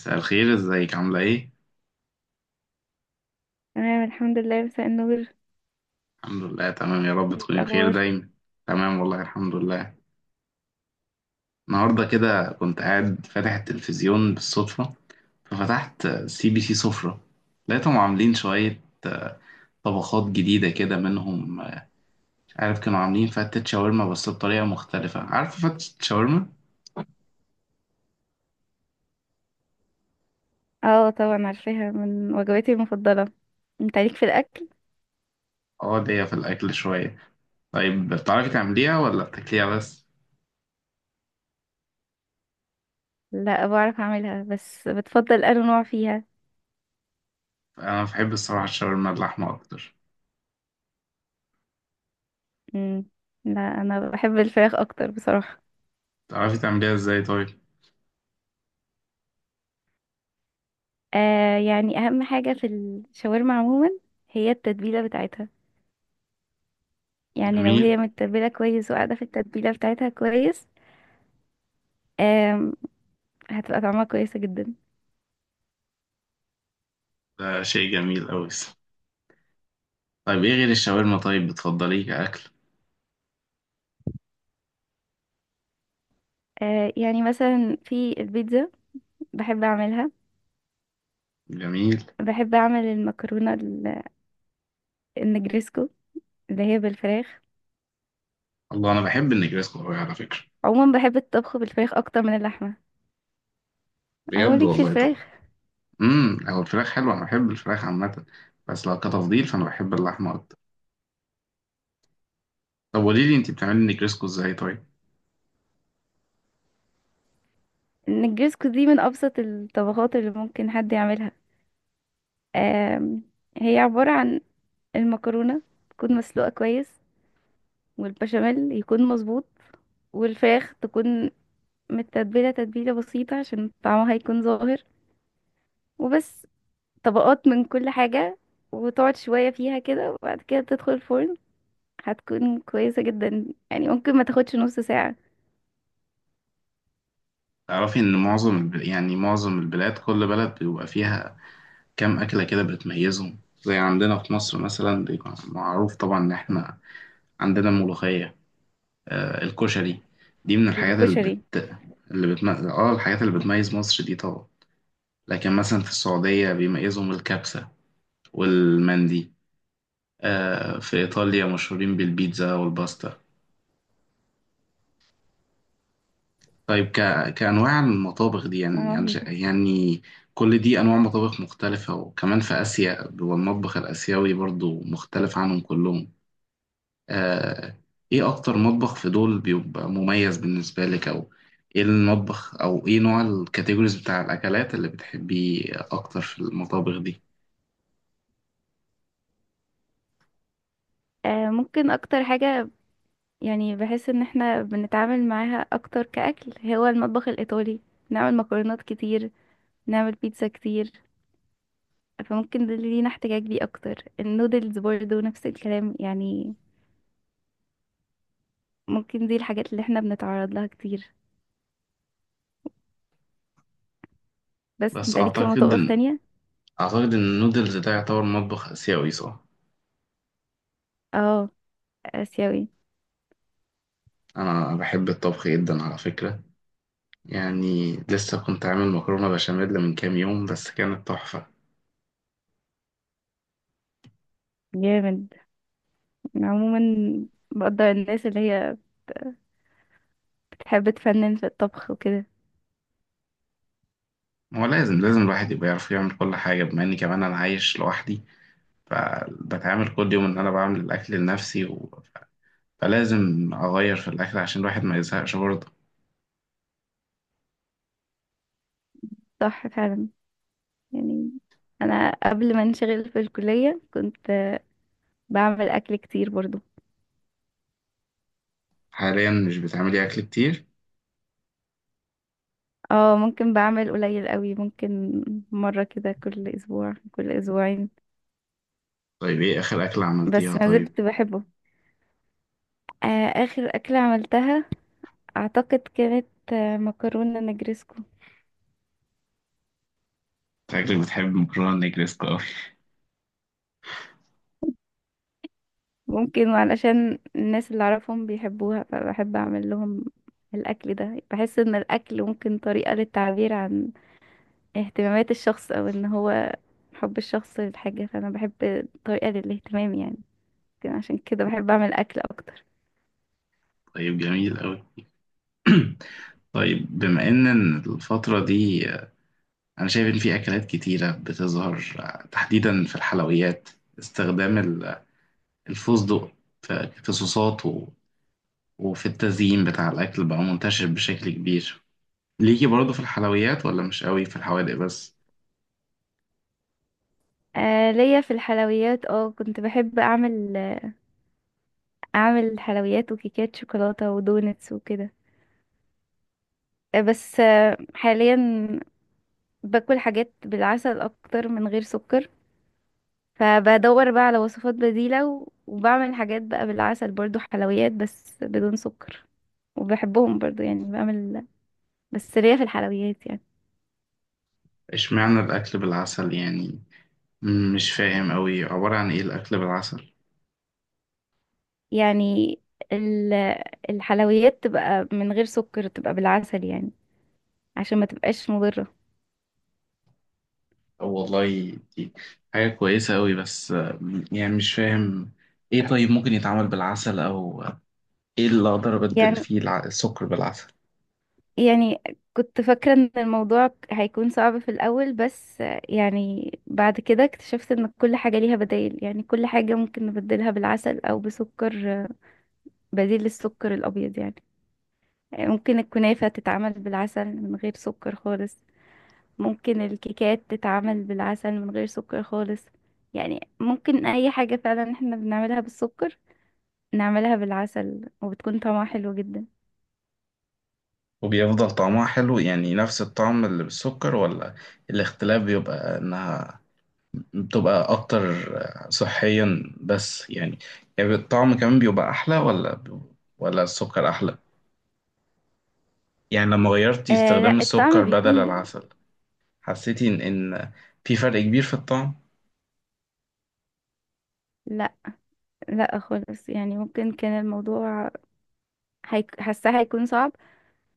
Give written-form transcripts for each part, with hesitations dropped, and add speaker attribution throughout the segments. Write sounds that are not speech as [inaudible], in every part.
Speaker 1: مساء الخير، ازيك، عاملة ايه؟
Speaker 2: تمام الحمد لله، مساء النور.
Speaker 1: الحمد لله تمام، يا رب
Speaker 2: إيه
Speaker 1: تكوني بخير
Speaker 2: الأخبار؟
Speaker 1: دايما. تمام والله، الحمد لله. النهاردة كده كنت قاعد فاتح التلفزيون بالصدفة، ففتحت سي بي سي سفرة، لقيتهم عاملين شوية طبخات جديدة كده منهم، مش عارف، كانوا عاملين فتة شاورما بس بطريقة مختلفة. عارفة فتة شاورما؟
Speaker 2: اه طبعا عارفاها، من وجباتي المفضلة. انت عليك في الأكل؟
Speaker 1: اه، ليا في الأكل شوية. طيب بتعرفي تعمليها ولا بتاكليها بس؟
Speaker 2: لا بعرف أعملها بس بتفضل أنا نوع فيها.
Speaker 1: أنا بحب الصراحة الشاورما اللحمة أكتر.
Speaker 2: مم. لا أنا بحب الفراخ أكتر بصراحة.
Speaker 1: بتعرفي تعمليها ازاي طيب؟
Speaker 2: آه أهم حاجة في الشاورما عموما هي التتبيلة بتاعتها. يعني لو
Speaker 1: جميل.
Speaker 2: هي متبلة كويس وقاعدة في التتبيلة بتاعتها كويس، آم، هتبقى طعمها كويسة جدا.
Speaker 1: ده شيء جميل أوي. طيب إيه غير الشاورما طيب بتفضليه كأكل؟
Speaker 2: آه يعني مثلا في البيتزا بحب أعملها.
Speaker 1: جميل.
Speaker 2: بحب أعمل النجريسكو اللي هي بالفراخ.
Speaker 1: الله، أنا بحب النجريسكو أوي على فكرة.
Speaker 2: عموما بحب الطبخ بالفراخ اكتر من اللحمه. اهو
Speaker 1: بجد
Speaker 2: ليك في
Speaker 1: والله، طبعا.
Speaker 2: الفراخ.
Speaker 1: هو الفراخ حلوة، أنا بحب الفراخ عامة، بس لو كتفضيل فأنا بحب اللحمة أكتر. طب قولي لي، أنت بتعملي النجريسكو إزاي طيب؟
Speaker 2: النجرسكو دي من ابسط الطبخات اللي ممكن حد يعملها. آم، هي عباره عن المكرونه تكون مسلوقه كويس، والبشاميل يكون مظبوط، والفراخ تكون متتبله تتبيله بسيطه عشان طعمها يكون ظاهر. وبس، طبقات من كل حاجه، وتقعد شويه فيها كده وبعد كده تدخل الفرن. هتكون كويسه جدا، يعني ممكن ما تاخدش نص ساعه.
Speaker 1: تعرفي إن معظم الب... يعني معظم البلاد، كل بلد بيبقى فيها كام أكلة كده بتميزهم، زي عندنا في مصر مثلا بيبقى معروف طبعا إن إحنا عندنا الملوخية، الكشري، دي من الحاجات اللي
Speaker 2: بالكشري.
Speaker 1: بت اللي بتم... اه الحاجات اللي بتميز مصر دي طبعا. لكن مثلا في السعودية بيميزهم الكبسة والمندي، في إيطاليا مشهورين بالبيتزا والباستا. طيب كأنواع المطابخ دي، يعني
Speaker 2: اه
Speaker 1: يعني ش- يعني كل دي أنواع مطابخ مختلفة، وكمان في آسيا، والمطبخ الآسيوي برضو مختلف عنهم كلهم. آه، ايه اكتر مطبخ في دول بيبقى مميز بالنسبة لك؟ او ايه المطبخ، او ايه نوع الكاتيجوريز بتاع الاكلات اللي بتحبيه اكتر في المطابخ دي؟
Speaker 2: ممكن اكتر حاجة، يعني بحس ان احنا بنتعامل معاها اكتر كأكل هو المطبخ الايطالي. نعمل مكرونات كتير، نعمل بيتزا كتير، فممكن ده اللي لينا احتكاك بيه اكتر. النودلز برضه نفس الكلام يعني، ممكن دي الحاجات اللي احنا بنتعرض لها كتير. بس
Speaker 1: بس
Speaker 2: انت ليك في
Speaker 1: اعتقد
Speaker 2: مطابخ
Speaker 1: ان
Speaker 2: تانية.
Speaker 1: النودلز ده يعتبر مطبخ اسيوي، صح؟
Speaker 2: اه، اسيوي.
Speaker 1: انا بحب الطبخ جدا على فكرة، يعني لسه كنت عامل مكرونة بشاميل من كام يوم، بس كانت تحفة.
Speaker 2: جامد. عموما بقدر الناس اللي هي بتحب تفنن في الطبخ وكده.
Speaker 1: هو لازم الواحد يبقى يعرف يعمل كل حاجة، بما اني كمان انا عايش لوحدي، فبتعامل كل يوم ان انا بعمل الاكل لنفسي، فلازم أغير في الأكل عشان الواحد ما يزهقش برضه.
Speaker 2: صح فعلا، يعني انا قبل ما انشغل في الكلية كنت بعمل اكل كتير برضو.
Speaker 1: حاليا مش بتعملي أكل كتير؟
Speaker 2: اه ممكن بعمل قليل قوي، ممكن مرة كده كل اسبوع كل اسبوعين،
Speaker 1: طيب إيه آخر أكلة عملتيها
Speaker 2: بس ما
Speaker 1: طيب؟
Speaker 2: زلت بحبه. آه، اخر اكلة عملتها اعتقد كانت آه مكرونة نجرسكو.
Speaker 1: شكلك بتحب مكرونة نجريسكو أوي.
Speaker 2: ممكن علشان الناس اللي اعرفهم بيحبوها فبحب اعمل لهم الاكل ده. بحس ان الاكل ممكن طريقة للتعبير عن اهتمامات الشخص او ان هو حب الشخص للحاجة، فانا بحب طريقة للاهتمام يعني. يمكن عشان كده بحب اعمل اكل اكتر.
Speaker 1: طيب، جميل أوي. [clears throat] طيب، بما إن الفترة دي أنا شايف إن في أكلات كتيرة بتظهر، تحديدا في الحلويات، استخدام الفستق في صوصات وفي التزيين بتاع الأكل بقى منتشر بشكل كبير. ليكي برضه في الحلويات ولا مش قوي في الحوادق بس؟
Speaker 2: آه ليا في الحلويات، اه كنت بحب اعمل حلويات وكيكات شوكولاتة ودونتس وكده. بس حاليا باكل حاجات بالعسل اكتر من غير سكر. فبدور بقى على وصفات بديلة وبعمل حاجات بقى بالعسل برضو، حلويات بس بدون سكر. وبحبهم برضو يعني بعمل، بس ليا في الحلويات
Speaker 1: اشمعنى الأكل بالعسل يعني؟ مش فاهم أوي عبارة عن إيه الأكل بالعسل.
Speaker 2: يعني ال- الحلويات تبقى من غير سكر، تبقى بالعسل يعني، عشان ما تبقاش مضرة.
Speaker 1: والله دي حاجة كويسة أوي، بس يعني مش فاهم، إيه طيب ممكن يتعمل بالعسل، أو إيه اللي أقدر أبدل
Speaker 2: يعني
Speaker 1: فيه السكر بالعسل؟
Speaker 2: يعني كنت فاكرة ان الموضوع هيكون صعب في الاول، بس يعني بعد كده اكتشفت ان كل حاجة ليها بدائل. يعني كل حاجة ممكن نبدلها بالعسل او بسكر بديل للسكر الابيض يعني. يعني ممكن الكنافة تتعمل بالعسل من غير سكر خالص، ممكن الكيكات تتعمل بالعسل من غير سكر خالص. يعني ممكن اي حاجة فعلا احنا بنعملها بالسكر نعملها بالعسل وبتكون طعمها حلو جدا.
Speaker 1: وبيفضل طعمها حلو يعني نفس الطعم اللي بالسكر، ولا الاختلاف بيبقى إنها بتبقى أكتر صحيا بس؟ يعني يعني الطعم كمان بيبقى أحلى، ولا السكر أحلى؟ يعني لما غيرتي
Speaker 2: آه لا،
Speaker 1: استخدام
Speaker 2: الطعم
Speaker 1: السكر بدل
Speaker 2: بيكون،
Speaker 1: العسل، حسيتي إن في فرق كبير في الطعم؟
Speaker 2: لا لا خالص. يعني ممكن كان الموضوع حاساه هيكون صعب،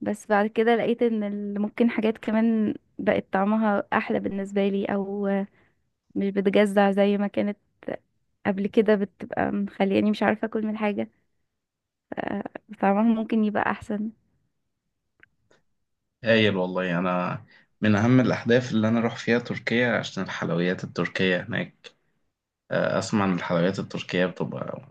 Speaker 2: بس بعد كده لقيت ان ممكن حاجات كمان بقت طعمها احلى بالنسبه لي، او مش بتجزع زي ما كانت قبل كده بتبقى مخلياني مش عارفه اكل من حاجه. طعمها ممكن يبقى احسن.
Speaker 1: هايل والله. أنا من أهم الأحداث اللي أنا أروح فيها تركيا عشان الحلويات التركية هناك، أسمع إن الحلويات التركية بتبقى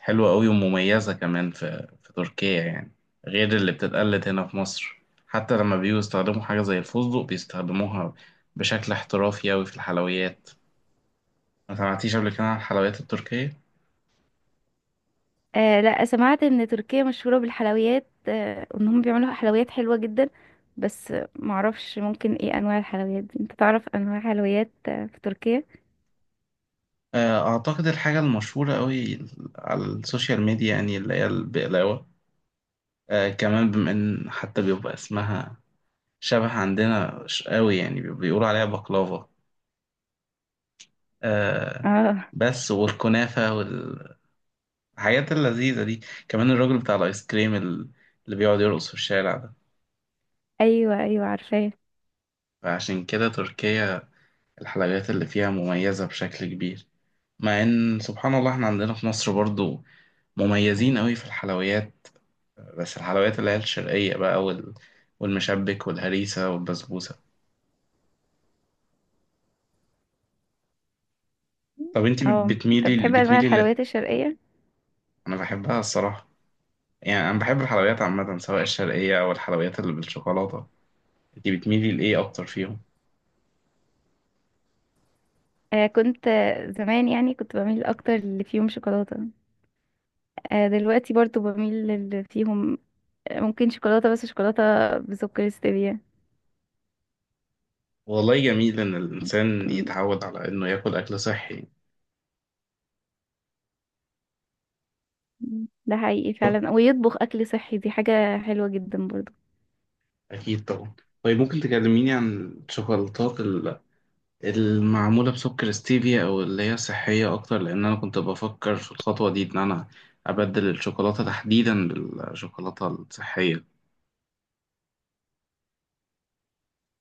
Speaker 1: حلوة أوي ومميزة كمان، في تركيا يعني، غير اللي بتتقلد هنا في مصر. حتى لما بييجوا يستخدموا حاجة زي الفستق بيستخدموها بشكل احترافي أوي في الحلويات. ما سمعتيش قبل كده عن الحلويات التركية؟
Speaker 2: آه لا، سمعت ان تركيا مشهوره بالحلويات، آه وانهم بيعملوا حلويات حلوه جدا. بس معرفش ممكن ايه انواع الحلويات دي. انت تعرف انواع حلويات في تركيا؟
Speaker 1: أعتقد الحاجة المشهورة أوي على السوشيال ميديا يعني اللي هي البقلاوة. كمان، بما ان حتى بيبقى اسمها شبه عندنا، قوي يعني، بيقولوا عليها بقلاوة. آه
Speaker 2: اه،
Speaker 1: بس، والكنافة والحاجات اللذيذة دي، كمان الراجل بتاع الايس كريم اللي بيقعد يرقص في الشارع ده.
Speaker 2: ايوه ايوه عارفاه.
Speaker 1: فعشان كده تركيا الحلويات اللي فيها مميزة بشكل كبير، مع ان سبحان الله احنا عندنا في مصر برضو مميزين قوي في الحلويات. بس الحلويات اللي هي الشرقية بقى والمشبك والهريسة والبسبوسة. طب انت
Speaker 2: اه انت بتحب انواع
Speaker 1: بتميلي؟
Speaker 2: الحلويات الشرقيه.
Speaker 1: انا بحبها الصراحه، يعني انا بحب الحلويات عامه سواء الشرقيه او الحلويات اللي بالشوكولاته. انت بتميلي لايه اكتر فيهم؟
Speaker 2: آه كنت زمان يعني كنت بميل اكتر اللي فيهم شوكولاته. آه دلوقتي برضو بميل للي فيهم ممكن شوكولاته، بس شوكولاته بسكر ستevia.
Speaker 1: والله جميل ان الانسان
Speaker 2: م-
Speaker 1: يتعود على انه ياكل اكل صحي.
Speaker 2: ده حقيقي
Speaker 1: طب،
Speaker 2: فعلا، ويطبخ اكل صحي دي حاجه حلوه جدا برضو.
Speaker 1: اكيد طبعا. طيب ممكن تكلميني عن الشوكولاتات المعموله بسكر ستيفيا او اللي هي صحيه اكتر، لان انا كنت بفكر في الخطوه دي ان انا ابدل الشوكولاته تحديدا بالشوكولاته الصحيه.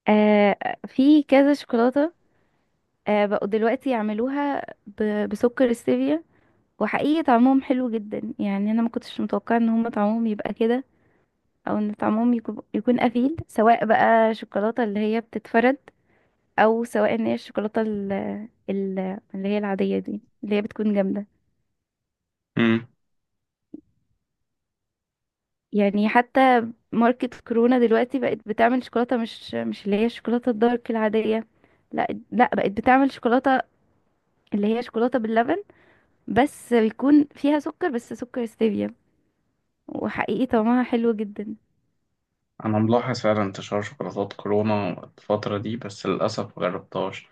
Speaker 2: آه في كذا شوكولاته آه بقوا دلوقتي يعملوها بسكر ستevia. وحقيقي طعمهم حلو جدا، يعني انا ما كنتش متوقعه ان هم طعمهم يبقى كده، او ان طعمهم يكون قفيل، سواء بقى شوكولاته اللي هي بتتفرد، او سواء ان هي الشوكولاته ال- اللي هي العاديه دي اللي هي بتكون جامده. يعني حتى ماركة كورونا دلوقتي بقت بتعمل شوكولاته، مش اللي هي الشوكولاته الدارك العاديه، لا لا، بقت بتعمل شوكولاته اللي هي شوكولاته باللبن، بس بيكون فيها سكر، بس سكر ستيفيا. وحقيقي طعمها حلو جدا.
Speaker 1: أنا ملاحظ فعلا انتشار شوكولاتات كورونا الفترة دي، بس للأسف مجربتهاش،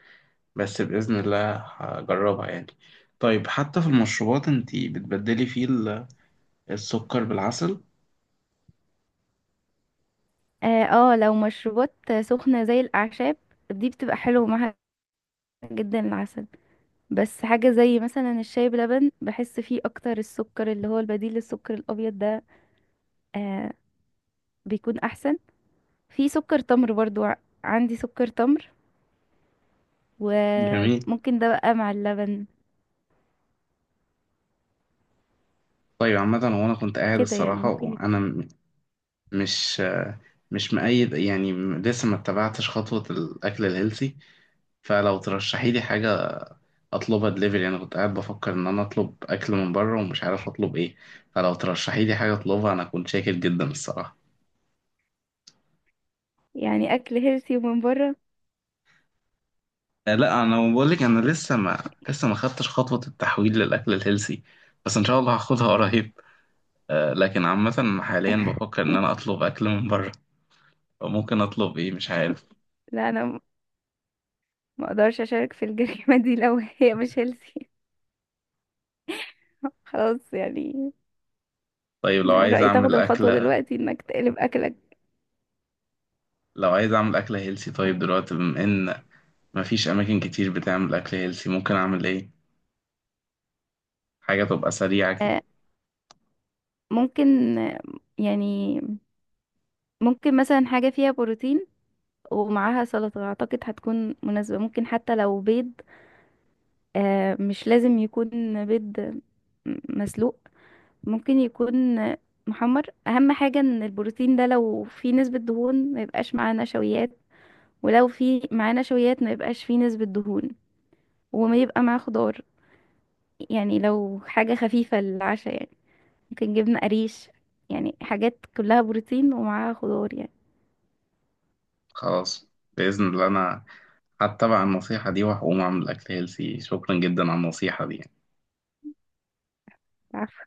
Speaker 1: بس بإذن الله هجربها يعني. طيب حتى في المشروبات انتي بتبدلي فيه السكر بالعسل؟
Speaker 2: اه لو مشروبات سخنه زي الاعشاب دي بتبقى حلوه معاها جدا العسل. بس حاجة زي مثلا الشاي بلبن، بحس فيه اكتر السكر اللي هو البديل للسكر الابيض ده آه بيكون احسن. في سكر تمر برضو، عندي سكر تمر
Speaker 1: جميل.
Speaker 2: وممكن ده بقى مع اللبن.
Speaker 1: طيب عامة، هو أنا كنت قاعد
Speaker 2: كده يعني
Speaker 1: الصراحة،
Speaker 2: ممكن يب-
Speaker 1: وأنا مش مش مؤيد يعني، لسه ما اتبعتش خطوة الأكل الهيلثي، فلو ترشحي لي حاجة أطلبها دليفري. أنا كنت قاعد بفكر إن أنا أطلب أكل من بره ومش عارف أطلب إيه، فلو ترشحي لي حاجة أطلبها أنا كنت شاكر جدا الصراحة.
Speaker 2: يعني اكل هيلثي ومن بره؟
Speaker 1: لا، انا بقول لك، انا لسه ما خدتش خطوه التحويل للاكل الهيلثي، بس ان شاء الله هاخدها قريب. لكن عامه حاليا بفكر ان انا اطلب اكل من بره، ممكن اطلب ايه مش عارف.
Speaker 2: لا ما اقدرش اشارك في الجريمة دي [laughs] لو هي مش هيلثي. [laughs] خلاص يعني.
Speaker 1: طيب لو
Speaker 2: انا من
Speaker 1: عايز
Speaker 2: رأيي تاخد
Speaker 1: اعمل
Speaker 2: الخطوة
Speaker 1: اكله
Speaker 2: دلوقتي انك تقلب اكلك.
Speaker 1: لو عايز اعمل اكله هيلثي طيب، دلوقتي بما ان مفيش اماكن كتير بتعمل اكل هيلثي، ممكن اعمل ايه؟ حاجه تبقى سريعه كده.
Speaker 2: آه ممكن، يعني ممكن مثلا حاجة فيها بروتين ومعاها سلطة، أعتقد هتكون مناسبة. ممكن حتى لو بيض، مش لازم يكون بيض مسلوق، ممكن يكون محمر. أهم حاجة إن البروتين ده لو فيه نسبة دهون ما يبقاش معاه نشويات، ولو فيه معاه نشويات ما يبقاش فيه نسبة دهون، وما يبقى معاه خضار. يعني لو حاجة خفيفة للعشاء يعني، ممكن جبنة قريش، يعني حاجات كلها بروتين ومعاها خضار
Speaker 1: خلاص، باذن الله انا هتبع النصيحه دي وهقوم اعمل اكل هيلثي. شكرا جدا على النصيحه دي.
Speaker 2: يعني